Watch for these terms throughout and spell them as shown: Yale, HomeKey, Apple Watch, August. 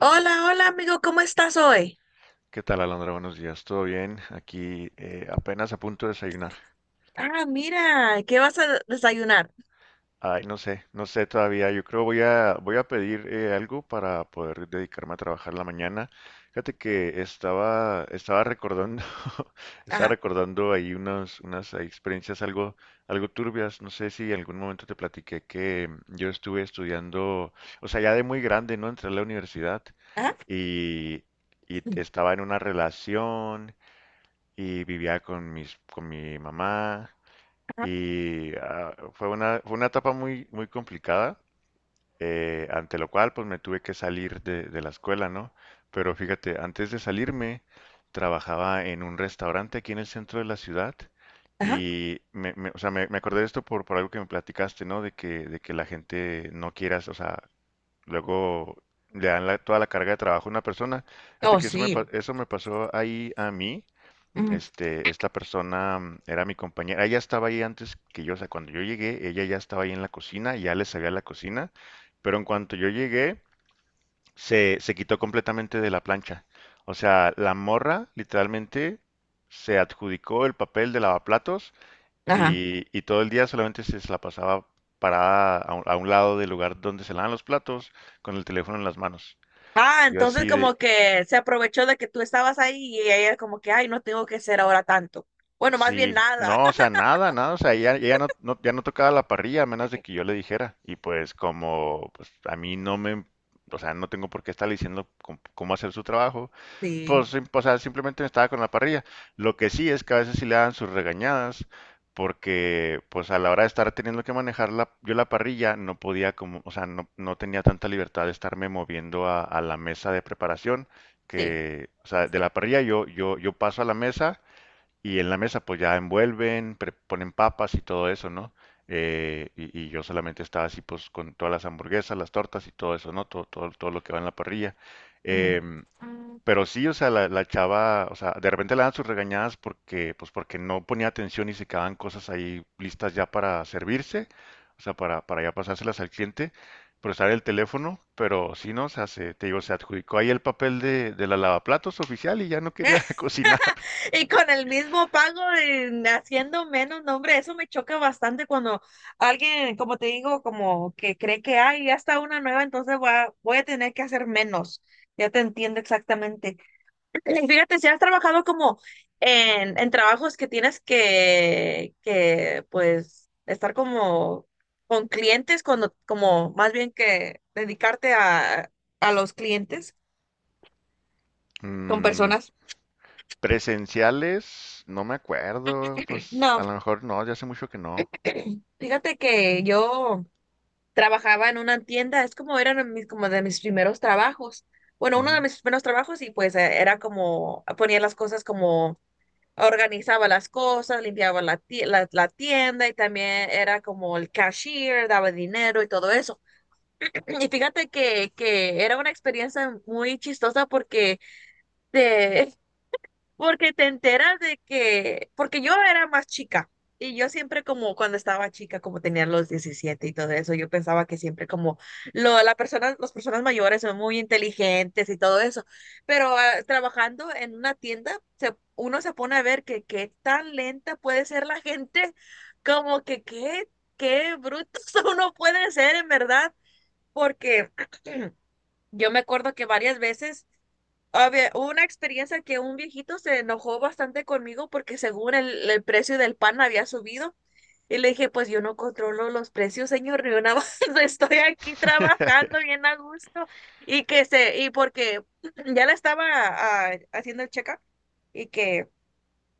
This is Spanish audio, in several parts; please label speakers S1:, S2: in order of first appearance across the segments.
S1: Hola, hola amigo, ¿cómo estás hoy?
S2: ¿Qué tal, Alondra? Buenos días, ¿todo bien? Aquí apenas a punto de desayunar.
S1: Ah, mira, ¿qué vas a desayunar?
S2: Ay, no sé, no sé todavía. Yo creo voy a pedir algo para poder dedicarme a trabajar la mañana. Fíjate que estaba recordando estaba
S1: Ajá,
S2: recordando ahí unas ahí experiencias algo turbias. No sé si en algún momento te platiqué que yo estuve estudiando, o sea, ya de muy grande, ¿no? Entré a la universidad
S1: ajá,
S2: y
S1: mm,
S2: estaba en una relación y vivía con con mi mamá y fue una etapa muy, muy complicada, ante lo cual pues me tuve que salir de la escuela, ¿no? Pero fíjate, antes de salirme trabajaba en un restaurante aquí en el centro de la ciudad
S1: ajá.
S2: y o sea, me acordé de esto por algo que me platicaste, ¿no? De que la gente no quiera, o sea, luego toda la carga de trabajo a una persona. Fíjate
S1: Oh,
S2: que
S1: sí.
S2: eso me pasó ahí a mí.
S1: Mm.
S2: Esta persona era mi compañera. Ella estaba ahí antes que yo, o sea, cuando yo llegué, ella ya estaba ahí en la cocina, ya le sabía la cocina, pero en cuanto yo llegué, se quitó completamente de la plancha. O sea, la morra literalmente se adjudicó el papel de lavaplatos
S1: Ajá.
S2: y todo el día solamente se la pasaba parada a a un lado del lugar donde se lavan los platos con el teléfono en las manos.
S1: Ah,
S2: Yo
S1: entonces
S2: así de,
S1: como que se aprovechó de que tú estabas ahí y ella como que, ay, no tengo que hacer ahora tanto. Bueno, más bien
S2: sí,
S1: nada.
S2: no, o sea, nada, nada, o sea, ella, ya no tocaba la parrilla a menos de que yo le dijera. Y pues como pues, a mí no me, o sea, no tengo por qué estarle diciendo cómo, cómo hacer su trabajo,
S1: Sí,
S2: pues, o sea, simplemente me estaba con la parrilla. Lo que sí es que a veces sí le dan sus regañadas, porque pues a la hora de estar teniendo que manejar la, yo la parrilla no podía como, o sea, no, no tenía tanta libertad de estarme moviendo a la mesa de preparación,
S1: sí.
S2: que, o sea, de la parrilla yo paso a la mesa y en la mesa pues ya envuelven, ponen papas y todo eso, ¿no? Y yo solamente estaba así pues con todas las hamburguesas, las tortas y todo eso, ¿no? Todo, todo, todo lo que va en la parrilla.
S1: Ujú.
S2: Em,
S1: Mm.
S2: pero sí, o sea, la chava, o sea, de repente le dan sus regañadas porque, pues porque no ponía atención y se quedaban cosas ahí listas ya para servirse, o sea, para ya pasárselas al cliente, pero estar el teléfono, pero sí, ¿no? O sea, se, te digo, se adjudicó ahí el papel de la lavaplatos oficial y ya no quería cocinar.
S1: Y con el mismo pago, haciendo menos, no, hombre, eso me choca bastante cuando alguien, como te digo, como que cree que, ay, ya está una nueva, entonces voy a tener que hacer menos. Ya te entiendo exactamente. Y fíjate, si has trabajado como en trabajos que tienes pues, estar como con clientes, cuando, como más bien que dedicarte a los clientes, con
S2: Mm,
S1: personas.
S2: presenciales, no me acuerdo, pues
S1: No,
S2: a lo mejor no, ya hace mucho que no.
S1: fíjate que yo... trabajaba en una tienda, es como eran mis, como de mis primeros trabajos. Bueno, uno
S2: Ujú.
S1: de mis primeros trabajos y pues era como ponía las cosas como organizaba las cosas, limpiaba la tienda y también era como el cashier, daba dinero y todo eso. Y fíjate que era una experiencia muy chistosa te, porque te enteras de que, porque yo era más chica y yo siempre como cuando estaba chica, como tenía los 17 y todo eso, yo pensaba que siempre como lo, la persona, las personas mayores son muy inteligentes y todo eso, pero trabajando en una tienda, se, uno se pone a ver que qué tan lenta puede ser la gente, como que qué, qué brutos uno puede ser en verdad, porque yo me acuerdo que varias veces había hubo una experiencia que un viejito se enojó bastante conmigo porque según el precio del pan había subido. Y le dije, pues yo no controlo los precios, señor, yo nada más estoy aquí trabajando bien a gusto. Y que se, y porque ya le estaba haciendo el check-up y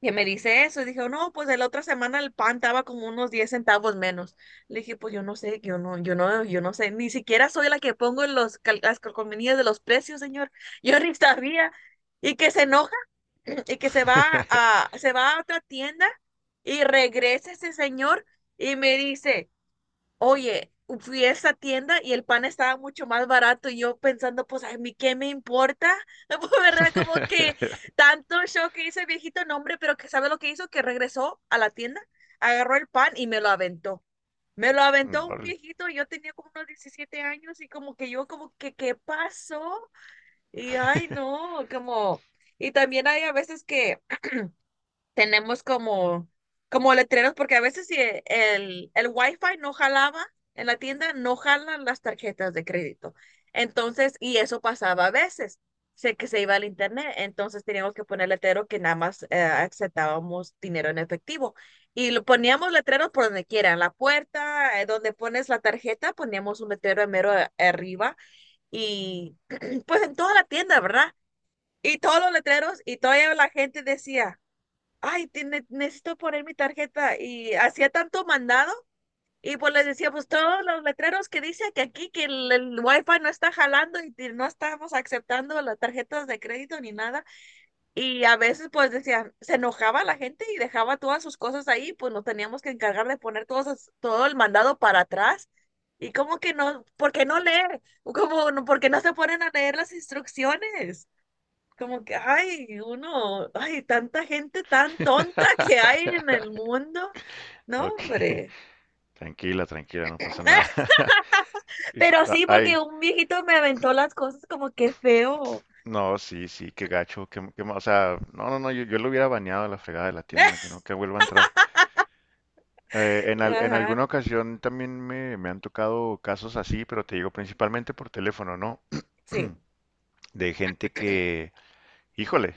S1: que me dice eso. Y dije, no, pues de la otra semana el pan estaba como unos 10 centavos menos. Le dije, pues yo no sé, yo no sé, ni siquiera soy la que pongo los las calcomanías de los precios, señor. Yo ni sabía. Y que se enoja y que se va a otra tienda y regresa ese señor y me dice, oye, fui a esa tienda y el pan estaba mucho más barato y yo pensando, pues a mí qué me importa. Pues, ¿verdad? Como que tanto show que hizo el viejito nombre, pero que sabe lo que hizo, que regresó a la tienda, agarró el pan y me lo aventó. Me lo aventó un
S2: Órale.
S1: viejito, yo tenía como unos 17 años y como que yo como que, ¿qué pasó? Y ay, no, como, y también hay a veces que tenemos como, como letreros, porque a veces si el, el Wi-Fi no jalaba en la tienda, no jalan las tarjetas de crédito. Entonces, y eso pasaba a veces, sé que se iba al internet, entonces teníamos que poner letrero que nada más aceptábamos dinero en efectivo. Y lo poníamos letreros por donde quiera, en la puerta, donde pones la tarjeta, poníamos un letrero en mero arriba y pues en toda la tienda, ¿verdad? Y todos los letreros y toda la gente decía, ay, tiene necesito poner mi tarjeta. Y hacía tanto mandado. Y pues les decía, pues todos los letreros que dice que aquí que el wifi no está jalando y que no estamos aceptando las tarjetas de crédito ni nada. Y a veces pues decían, se enojaba la gente y dejaba todas sus cosas ahí, pues nos teníamos que encargar de poner todos, todo el mandado para atrás. Y como que no, ¿por qué no leer? Como, ¿por qué no se ponen a leer las instrucciones? Como que, ay, uno, ay, tanta gente tan tonta que hay en el mundo. No,
S2: Ok,
S1: hombre.
S2: tranquila, tranquila, no pasa nada. Dije,
S1: Pero
S2: "Ah,
S1: sí, porque
S2: ay,
S1: un viejito me aventó las cosas como que feo.
S2: no, sí, sí, qué gacho, o sea, no, no, no, yo lo hubiera baneado a la fregada de la tienda, que no, que vuelva a entrar. En
S1: Ajá,
S2: alguna ocasión también me han tocado casos así, pero te digo principalmente por teléfono, ¿no?
S1: sí,
S2: De gente que, híjole,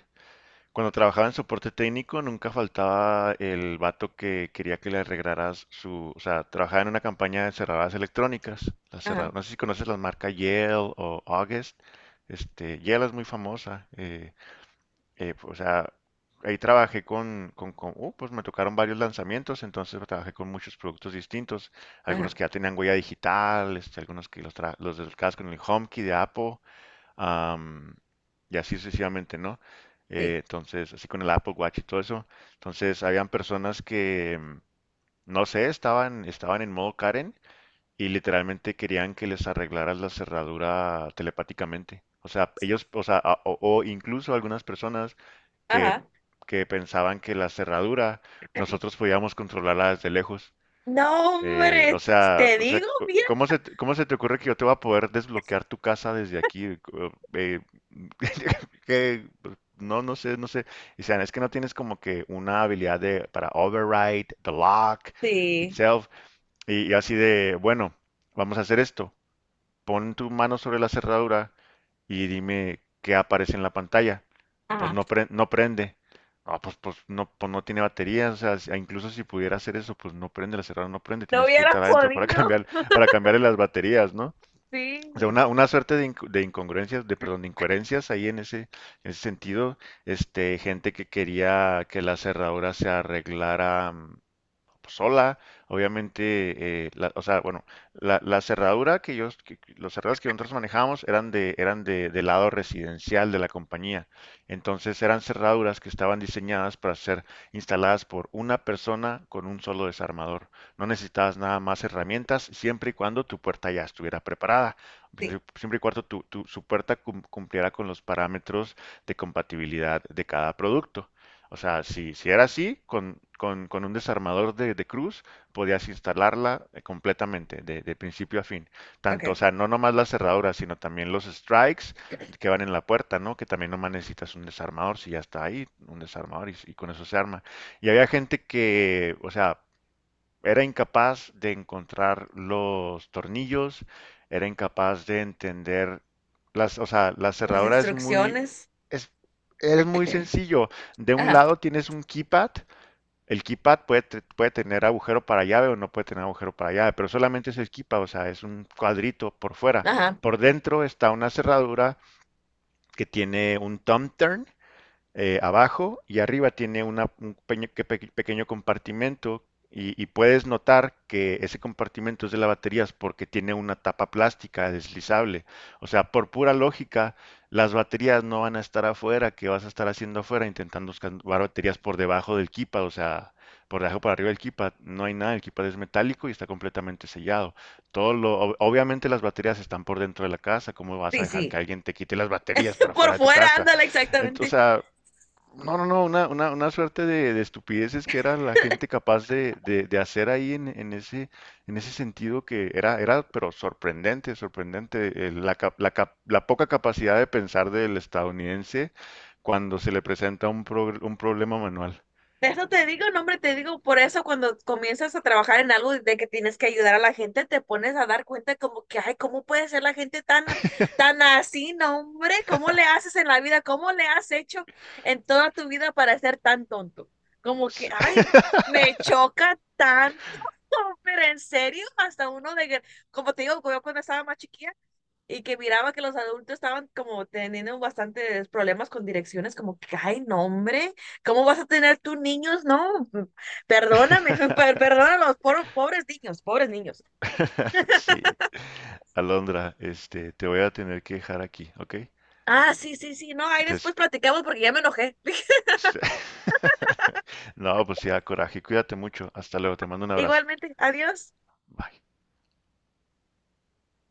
S2: cuando trabajaba en soporte técnico nunca faltaba el vato que quería que le arreglaras su, o sea, trabajaba en una campaña de cerraduras electrónicas,
S1: ajá,
S2: no sé si conoces las marcas Yale o August, este, Yale es muy famosa, o sea, ahí trabajé con pues me tocaron varios lanzamientos, entonces trabajé con muchos productos distintos,
S1: ajá,
S2: algunos que ya tenían huella digital, este, algunos que los del casco en el HomeKey de Apple, am, y así sucesivamente, ¿no?
S1: sí,
S2: Entonces, así con el Apple Watch y todo eso. Entonces, habían personas que, no sé, estaban en modo Karen y literalmente querían que les arreglaras la cerradura telepáticamente. O sea, ellos, o sea, o incluso algunas personas que,
S1: ajá.
S2: que pensaban que la cerradura nosotros podíamos controlarla desde lejos.
S1: No,
S2: Eh,
S1: hombre,
S2: o
S1: te
S2: sea,
S1: te
S2: o sea,
S1: digo bien.
S2: ¿cómo cómo se te ocurre que yo te voy a poder desbloquear tu casa desde aquí? Que, pues, no, no sé, no sé. Y sean, es que no tienes como que una habilidad de, para override the lock
S1: Sí,
S2: itself. Y así de, bueno, vamos a hacer esto. Pon tu mano sobre la cerradura y dime qué aparece en la pantalla. Pues
S1: ajá.
S2: no, no prende. Ah, pues, pues no tiene batería. O sea, incluso si pudiera hacer eso, pues no prende, la cerradura no prende.
S1: No
S2: Tienes que
S1: hubiera
S2: entrar adentro para
S1: podido.
S2: cambiar, para cambiarle las baterías, ¿no? O sea,
S1: Sí,
S2: una suerte de incongruencias, de, perdón, de incoherencias ahí en ese sentido. Este, gente que quería que la cerradura se arreglara. Mm, pues, sola. Obviamente, o sea, bueno, la cerradura que yo, que- los cerrados que nosotros manejábamos eran del lado residencial de la compañía. Entonces eran cerraduras que estaban diseñadas para ser instaladas por una persona con un solo desarmador. No necesitabas nada más herramientas, siempre y cuando tu puerta ya estuviera preparada.
S1: sí,
S2: Siempre y cuando su puerta cumpliera con los parámetros de compatibilidad de cada producto. O sea, si, si era así, con un desarmador de cruz podías instalarla completamente, de principio a fin. Tanto, o
S1: ok.
S2: sea, no nomás las cerraduras, sino también los strikes que van en la puerta, ¿no? Que también nomás necesitas un desarmador, si ya está ahí, un desarmador y con eso se arma. Y había gente que, o sea, era incapaz de encontrar los tornillos, era incapaz de entender las, o sea, la
S1: Las
S2: cerradura es muy,
S1: instrucciones.
S2: es, es muy sencillo. De un
S1: Ajá,
S2: lado tienes un keypad, el keypad puede, puede tener agujero para llave o no puede tener agujero para llave, pero solamente es el keypad, o sea, es un cuadrito por fuera.
S1: ajá,
S2: Por dentro está una cerradura que tiene un thumb turn, abajo y arriba tiene una, un pequeño, pequeño compartimento y puedes notar que ese compartimento es de las baterías porque tiene una tapa plástica deslizable. O sea, por pura lógica, las baterías no van a estar afuera, que vas a estar haciendo afuera intentando buscar baterías por debajo del kipa, o sea, por debajo para arriba del kipa, no hay nada, el kipa es metálico y está completamente sellado. Todo lo, obviamente las baterías están por dentro de la casa, ¿cómo vas a
S1: sí,
S2: dejar que
S1: sí.
S2: alguien te quite las baterías para
S1: Por
S2: afuera de tu
S1: fuera,
S2: casa?
S1: ándale,
S2: Entonces, o
S1: exactamente.
S2: sea, no, no, no, una suerte de estupideces que era la gente capaz de de hacer ahí en ese sentido que era, era, pero sorprendente, sorprendente, la poca capacidad de pensar del estadounidense cuando se le presenta un, un problema manual.
S1: De eso te digo, no, hombre, te digo, por eso cuando comienzas a trabajar en algo de que tienes que ayudar a la gente, te pones a dar cuenta como que, ay, ¿cómo puede ser la gente tan, tan así, no, hombre? ¿Cómo le haces en la vida? ¿Cómo le has hecho en toda tu vida para ser tan tonto? Como que,
S2: Sí.
S1: ay, me choca tanto, pero en serio, hasta uno de, que- como te digo, yo cuando estaba más chiquilla, y que miraba que los adultos estaban como teniendo bastantes problemas con direcciones, como que, ay, no, hombre, ¿cómo vas a tener tus niños? No, mm, perdóname, perdona a los pobres niños, pobres niños.
S2: Sí, Alondra, este, te voy a tener que dejar aquí, ¿ok?
S1: Ah, sí, sí, sí, no, ahí
S2: Entonces,
S1: después platicamos porque ya me enojé.
S2: no, pues sí, da coraje, cuídate mucho, hasta luego, te mando un abrazo.
S1: Igualmente, adiós.
S2: Bye.